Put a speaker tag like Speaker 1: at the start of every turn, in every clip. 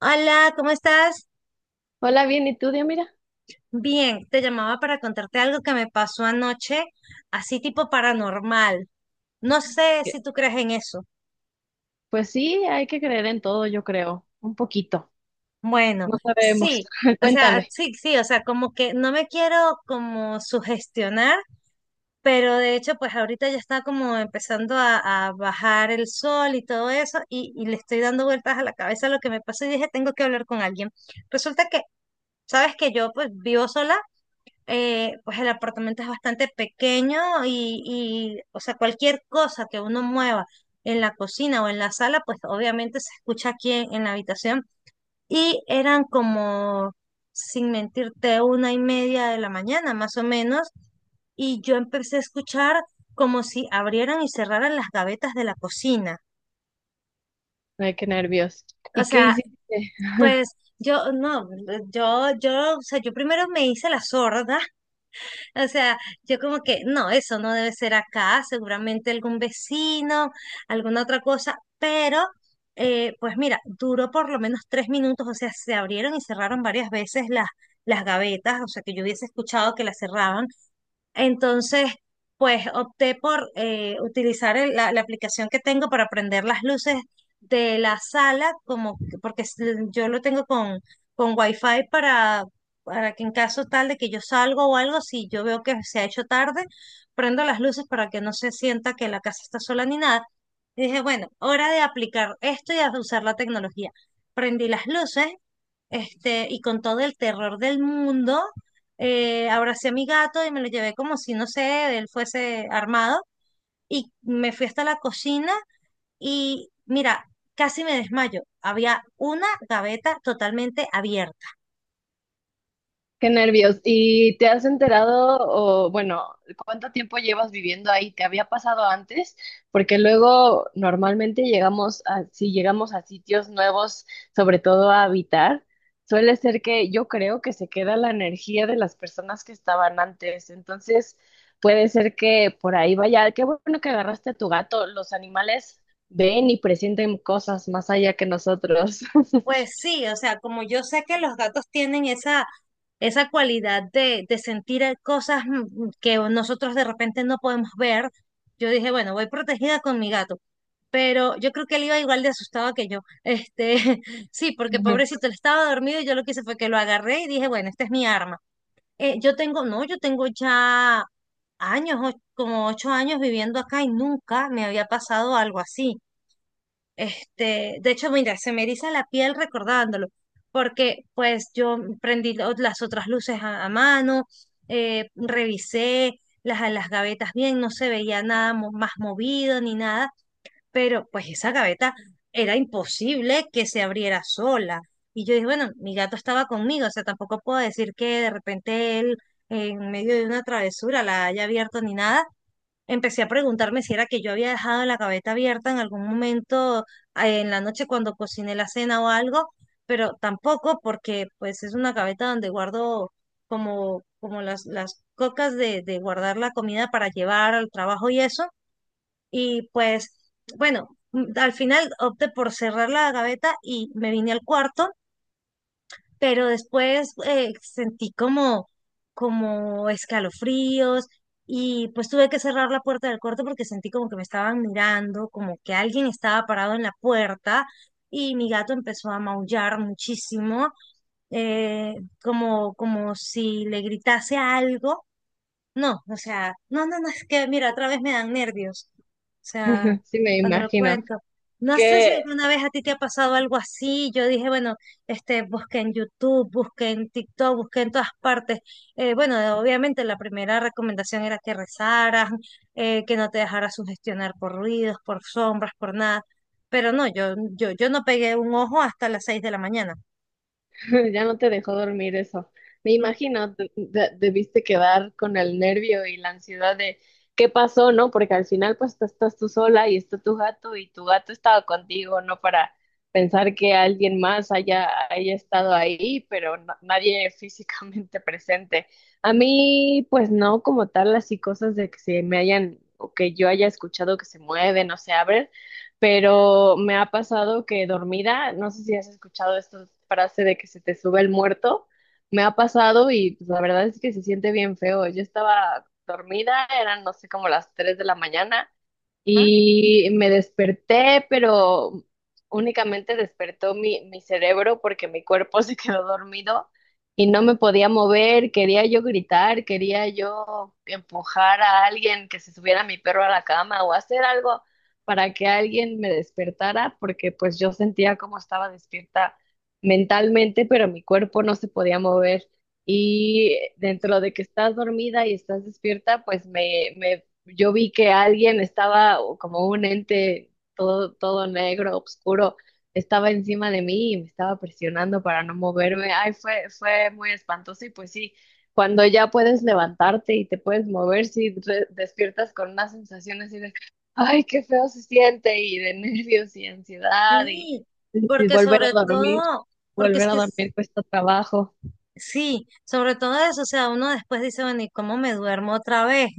Speaker 1: Hola, ¿cómo estás?
Speaker 2: Hola, bien. ¿Y tú? Mira.
Speaker 1: Bien, te llamaba para contarte algo que me pasó anoche, así tipo paranormal. No sé si tú crees en eso.
Speaker 2: Pues sí, hay que creer en todo, yo creo, un poquito.
Speaker 1: Bueno,
Speaker 2: No sabemos.
Speaker 1: sí, o sea,
Speaker 2: Cuéntame.
Speaker 1: sí, sí, o sea, como que no me quiero como sugestionar, pero de hecho, pues ahorita ya está como empezando a bajar el sol y todo eso, y le estoy dando vueltas a la cabeza a lo que me pasó y dije, tengo que hablar con alguien. Resulta que sabes que yo pues vivo sola. Pues el apartamento es bastante pequeño y o sea, cualquier cosa que uno mueva en la cocina o en la sala, pues obviamente se escucha aquí en la habitación. Y eran como, sin mentirte, 1:30 de la mañana, más o menos, y yo empecé a escuchar como si abrieran y cerraran las gavetas de la cocina.
Speaker 2: Ay, qué nervios.
Speaker 1: O
Speaker 2: ¿Y qué
Speaker 1: sea,
Speaker 2: hiciste?
Speaker 1: pues yo, no, yo, o sea, yo primero me hice la sorda. O sea, yo como que, no, eso no debe ser acá, seguramente algún vecino, alguna otra cosa, pero pues mira, duró por lo menos 3 minutos, o sea, se abrieron y cerraron varias veces las gavetas, o sea, que yo hubiese escuchado que las cerraban. Entonces pues opté por utilizar la aplicación que tengo para prender las luces de la sala, como que- porque es- yo lo tengo con Wi-Fi para que en caso tal de que yo salgo o algo, si yo veo que se ha hecho tarde, prendo las luces para que no se sienta que la casa está sola ni nada. Y dije, bueno, hora de aplicar esto y a usar la tecnología. Prendí las luces, y con todo el terror del mundo, abracé a mi gato y me lo llevé como si, no sé, él fuese armado, y me fui hasta la cocina y mira, casi me desmayo. Había una gaveta totalmente abierta.
Speaker 2: Qué nervios. ¿Y te has enterado o, bueno, cuánto tiempo llevas viviendo ahí? ¿Te había pasado antes? Porque luego normalmente llegamos a, si llegamos a sitios nuevos, sobre todo a habitar, suele ser que yo creo que se queda la energía de las personas que estaban antes. Entonces, puede ser que por ahí vaya. Qué bueno que agarraste a tu gato. Los animales ven y presienten cosas más allá que nosotros.
Speaker 1: Pues sí, o sea, como yo sé que los gatos tienen esa cualidad de sentir cosas que nosotros de repente no podemos ver, yo dije, bueno, voy protegida con mi gato. Pero yo creo que él iba igual de asustado que yo. Sí, porque pobrecito, él estaba dormido y yo lo que hice fue que lo agarré y dije, bueno, esta es mi arma. Yo tengo, no, yo tengo ya años, como 8 años viviendo acá y nunca me había pasado algo así. De hecho, mira, se me eriza la piel recordándolo, porque pues yo prendí las otras luces a mano. Revisé las gavetas bien, no se veía nada más movido ni nada, pero pues esa gaveta era imposible que se abriera sola. Y yo dije, bueno, mi gato estaba conmigo, o sea, tampoco puedo decir que de repente él en medio de una travesura la haya abierto ni nada. Empecé a preguntarme si era que yo había dejado la gaveta abierta en algún momento en la noche cuando cociné la cena o algo, pero tampoco porque pues es una gaveta donde guardo como las cocas de guardar la comida para llevar al trabajo y eso. Y pues bueno, al final opté por cerrar la gaveta y me vine al cuarto, pero después sentí como como escalofríos y pues tuve que cerrar la puerta del cuarto porque sentí como que me estaban mirando, como que alguien estaba parado en la puerta y mi gato empezó a maullar muchísimo, eh, como, como si le gritase algo. No, o sea, no, no, no, es que mira, otra vez me dan nervios. O sea,
Speaker 2: Sí, me
Speaker 1: cuando lo
Speaker 2: imagino.
Speaker 1: cuento. No sé si
Speaker 2: Que
Speaker 1: alguna vez a ti te ha pasado algo así. Yo dije, bueno, busqué en YouTube, busqué en TikTok, busqué en todas partes. Bueno, obviamente la primera recomendación era que rezaras, que no te dejaras sugestionar por ruidos, por sombras, por nada. Pero no, yo no pegué un ojo hasta las 6 de la mañana.
Speaker 2: Ya no te dejó dormir eso. Me
Speaker 1: No,
Speaker 2: imagino, debiste quedar con el nervio y la ansiedad de qué pasó, ¿no? Porque al final pues tú estás tú sola y está tu gato y tu gato estaba contigo, ¿no? Para pensar que alguien más haya estado ahí, pero nadie físicamente presente. A mí pues no como tal así cosas de que se me hayan o que yo haya escuchado que se mueven o se abren, pero me ha pasado que dormida, no sé si has escuchado esta frase de que se te sube el muerto, me ha pasado y pues, la verdad es que se siente bien feo. Yo estaba dormida, eran no sé como las 3 de la mañana
Speaker 1: ajá.
Speaker 2: y me desperté, pero únicamente despertó mi cerebro porque mi cuerpo se quedó dormido y no me podía mover. Quería yo gritar, quería yo empujar a alguien que se subiera mi perro a la cama o hacer algo para que alguien me despertara porque pues yo sentía como estaba despierta mentalmente, pero mi cuerpo no se podía mover. Y dentro de que estás dormida y estás despierta, pues me yo vi que alguien estaba o como un ente todo, todo negro, oscuro, estaba encima de mí y me estaba presionando para no moverme. Ay, fue, fue muy espantoso y pues sí, cuando ya puedes levantarte y te puedes mover, sí despiertas con una sensación así de ay, qué feo se siente y de nervios y ansiedad, y,
Speaker 1: Sí,
Speaker 2: y
Speaker 1: porque sobre todo, porque es
Speaker 2: volver a
Speaker 1: que
Speaker 2: dormir cuesta trabajo
Speaker 1: sí, sobre todo eso, o sea, uno después dice, bueno, ¿y cómo me duermo otra vez?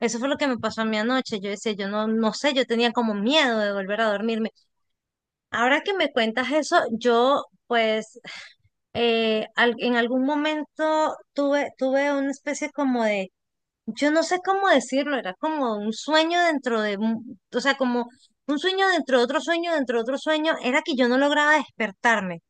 Speaker 1: Eso fue lo que me pasó a mí anoche. Yo decía, yo no, no sé, yo tenía como miedo de volver a dormirme. Ahora que me cuentas eso, yo pues en algún momento tuve una especie como de, yo no sé cómo decirlo, era como un sueño dentro de, o sea, como un sueño dentro de otro sueño, dentro de otro sueño, era que yo no lograba despertarme.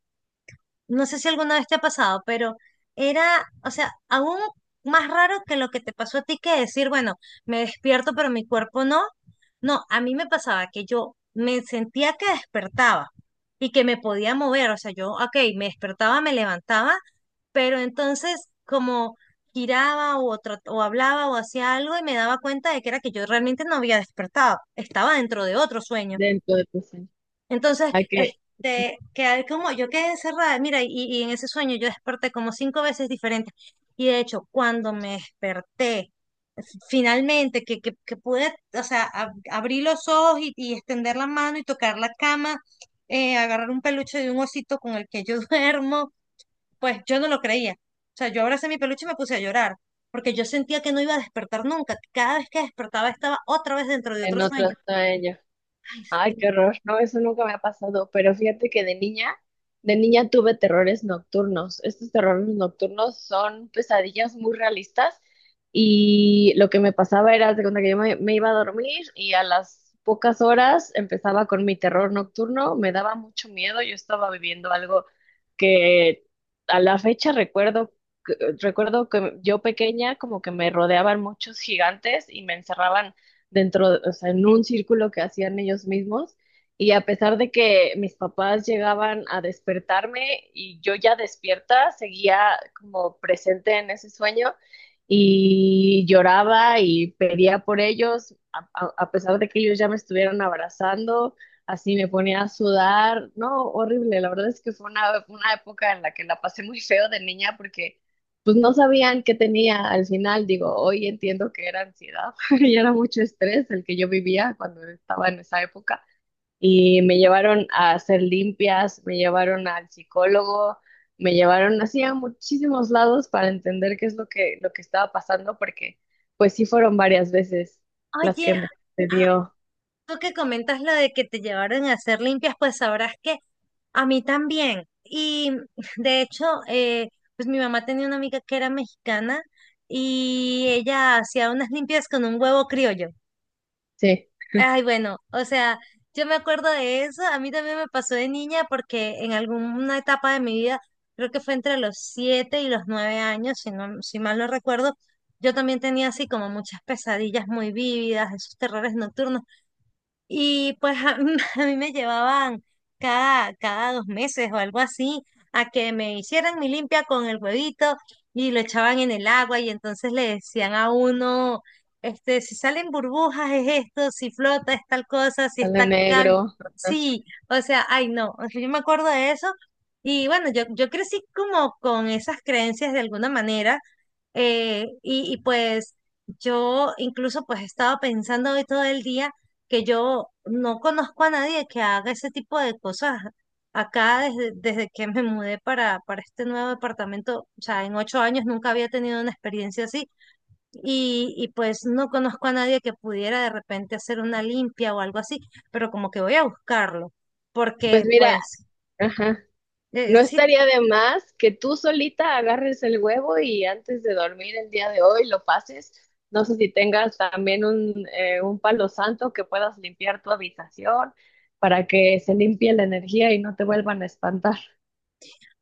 Speaker 1: No sé si alguna vez te ha pasado, pero era, o sea, aún más raro que lo que te pasó a ti, que decir, bueno, me despierto, pero mi cuerpo no. No, a mí me pasaba que yo me sentía que despertaba y que me podía mover, o sea, yo, ok, me despertaba, me levantaba, pero entonces como giraba o o hablaba o hacía algo y me daba cuenta de que era que yo realmente no había despertado, estaba dentro de otro sueño.
Speaker 2: dentro de tu sueño.
Speaker 1: Entonces
Speaker 2: Hay que
Speaker 1: quedé como, yo quedé encerrada, mira, y en ese sueño yo desperté como 5 veces diferentes. Y de hecho, cuando me desperté finalmente, que pude, o sea, abrir los ojos y extender la mano y tocar la cama, agarrar un peluche de un osito con el que yo duermo, pues yo no lo creía. O sea, yo abracé mi peluche y me puse a llorar, porque yo sentía que no iba a despertar nunca. Que Cada vez que despertaba estaba otra vez dentro de
Speaker 2: En
Speaker 1: otro
Speaker 2: otro
Speaker 1: sueño.
Speaker 2: sueño. Ay, qué horror. No, eso nunca me ha pasado. Pero fíjate que de niña tuve terrores nocturnos. Estos terrores nocturnos son pesadillas muy realistas. Y lo que me pasaba era, haz de cuenta que yo me iba a dormir y a las pocas horas empezaba con mi terror nocturno. Me daba mucho miedo. Yo estaba viviendo algo que a la fecha recuerdo, que- recuerdo que yo pequeña como que me rodeaban muchos gigantes y me encerraban dentro, o sea, en un círculo que hacían ellos mismos. Y a pesar de que mis papás llegaban a despertarme y yo ya despierta, seguía como presente en ese sueño y lloraba y pedía por ellos, a pesar de que ellos ya me estuvieron abrazando, así me ponía a sudar, no, horrible, la verdad es que fue una época en la que la pasé muy feo de niña porque pues no sabían qué tenía al final, digo, hoy entiendo que era ansiedad, y era mucho estrés el que yo vivía cuando estaba en esa época. Y me llevaron a hacer limpias, me llevaron al psicólogo, me llevaron así a muchísimos lados para entender qué es lo que estaba pasando, porque pues sí fueron varias veces las
Speaker 1: Oye,
Speaker 2: que me dio,
Speaker 1: tú que comentas lo de que te llevaron a hacer limpias, pues sabrás que a mí también. Y de hecho, pues mi mamá tenía una amiga que era mexicana y ella hacía unas limpias con un huevo criollo.
Speaker 2: sí,
Speaker 1: Ay, bueno, o sea, yo me acuerdo de eso. A mí también me pasó de niña porque en alguna etapa de mi vida, creo que fue entre los 7 y los 9 años, si no, si mal no recuerdo, yo también tenía así como muchas pesadillas muy vívidas, esos terrores nocturnos, y pues a a mí me llevaban cada 2 meses o algo así a que me hicieran mi limpia con el huevito, y lo echaban en el agua y entonces le decían a uno, si salen burbujas es esto, si flota es tal cosa, si
Speaker 2: sale
Speaker 1: está calmo,
Speaker 2: negro.
Speaker 1: sí, o sea, ay no, o sea, yo me acuerdo de eso. Y bueno, yo crecí como con esas creencias de alguna manera. Pues yo incluso pues he estado pensando hoy todo el día que yo no conozco a nadie que haga ese tipo de cosas acá desde que me mudé para este nuevo departamento. O sea, en 8 años nunca había tenido una experiencia así. Y pues no conozco a nadie que pudiera de repente hacer una limpia o algo así, pero como que voy a buscarlo,
Speaker 2: Pues
Speaker 1: porque
Speaker 2: mira,
Speaker 1: pues
Speaker 2: ajá. No
Speaker 1: sí.
Speaker 2: estaría de más que tú solita agarres el huevo y antes de dormir el día de hoy lo pases. No sé si tengas también un palo santo que puedas limpiar tu habitación para que se limpie la energía y no te vuelvan a espantar.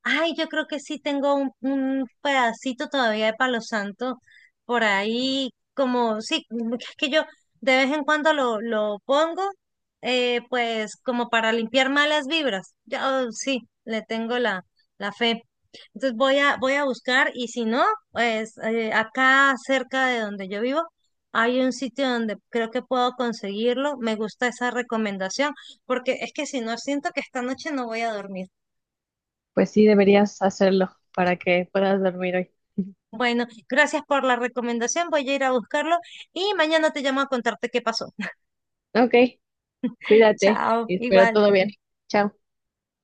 Speaker 1: Ay, yo creo que sí tengo un pedacito todavía de Palo Santo por ahí, como, sí, es que yo de vez en cuando lo pongo, pues como para limpiar malas vibras. Ya, oh, sí, le tengo la fe. Entonces voy a, voy a buscar, y si no, pues acá cerca de donde yo vivo hay un sitio donde creo que puedo conseguirlo. Me gusta esa recomendación porque es que si no, siento que esta noche no voy a dormir.
Speaker 2: Pues sí, deberías hacerlo para que puedas dormir hoy.
Speaker 1: Bueno, gracias por la recomendación. Voy a ir a buscarlo y mañana te llamo a contarte qué pasó.
Speaker 2: Ok, cuídate
Speaker 1: Chao,
Speaker 2: y espero
Speaker 1: igual.
Speaker 2: todo bien. Chao.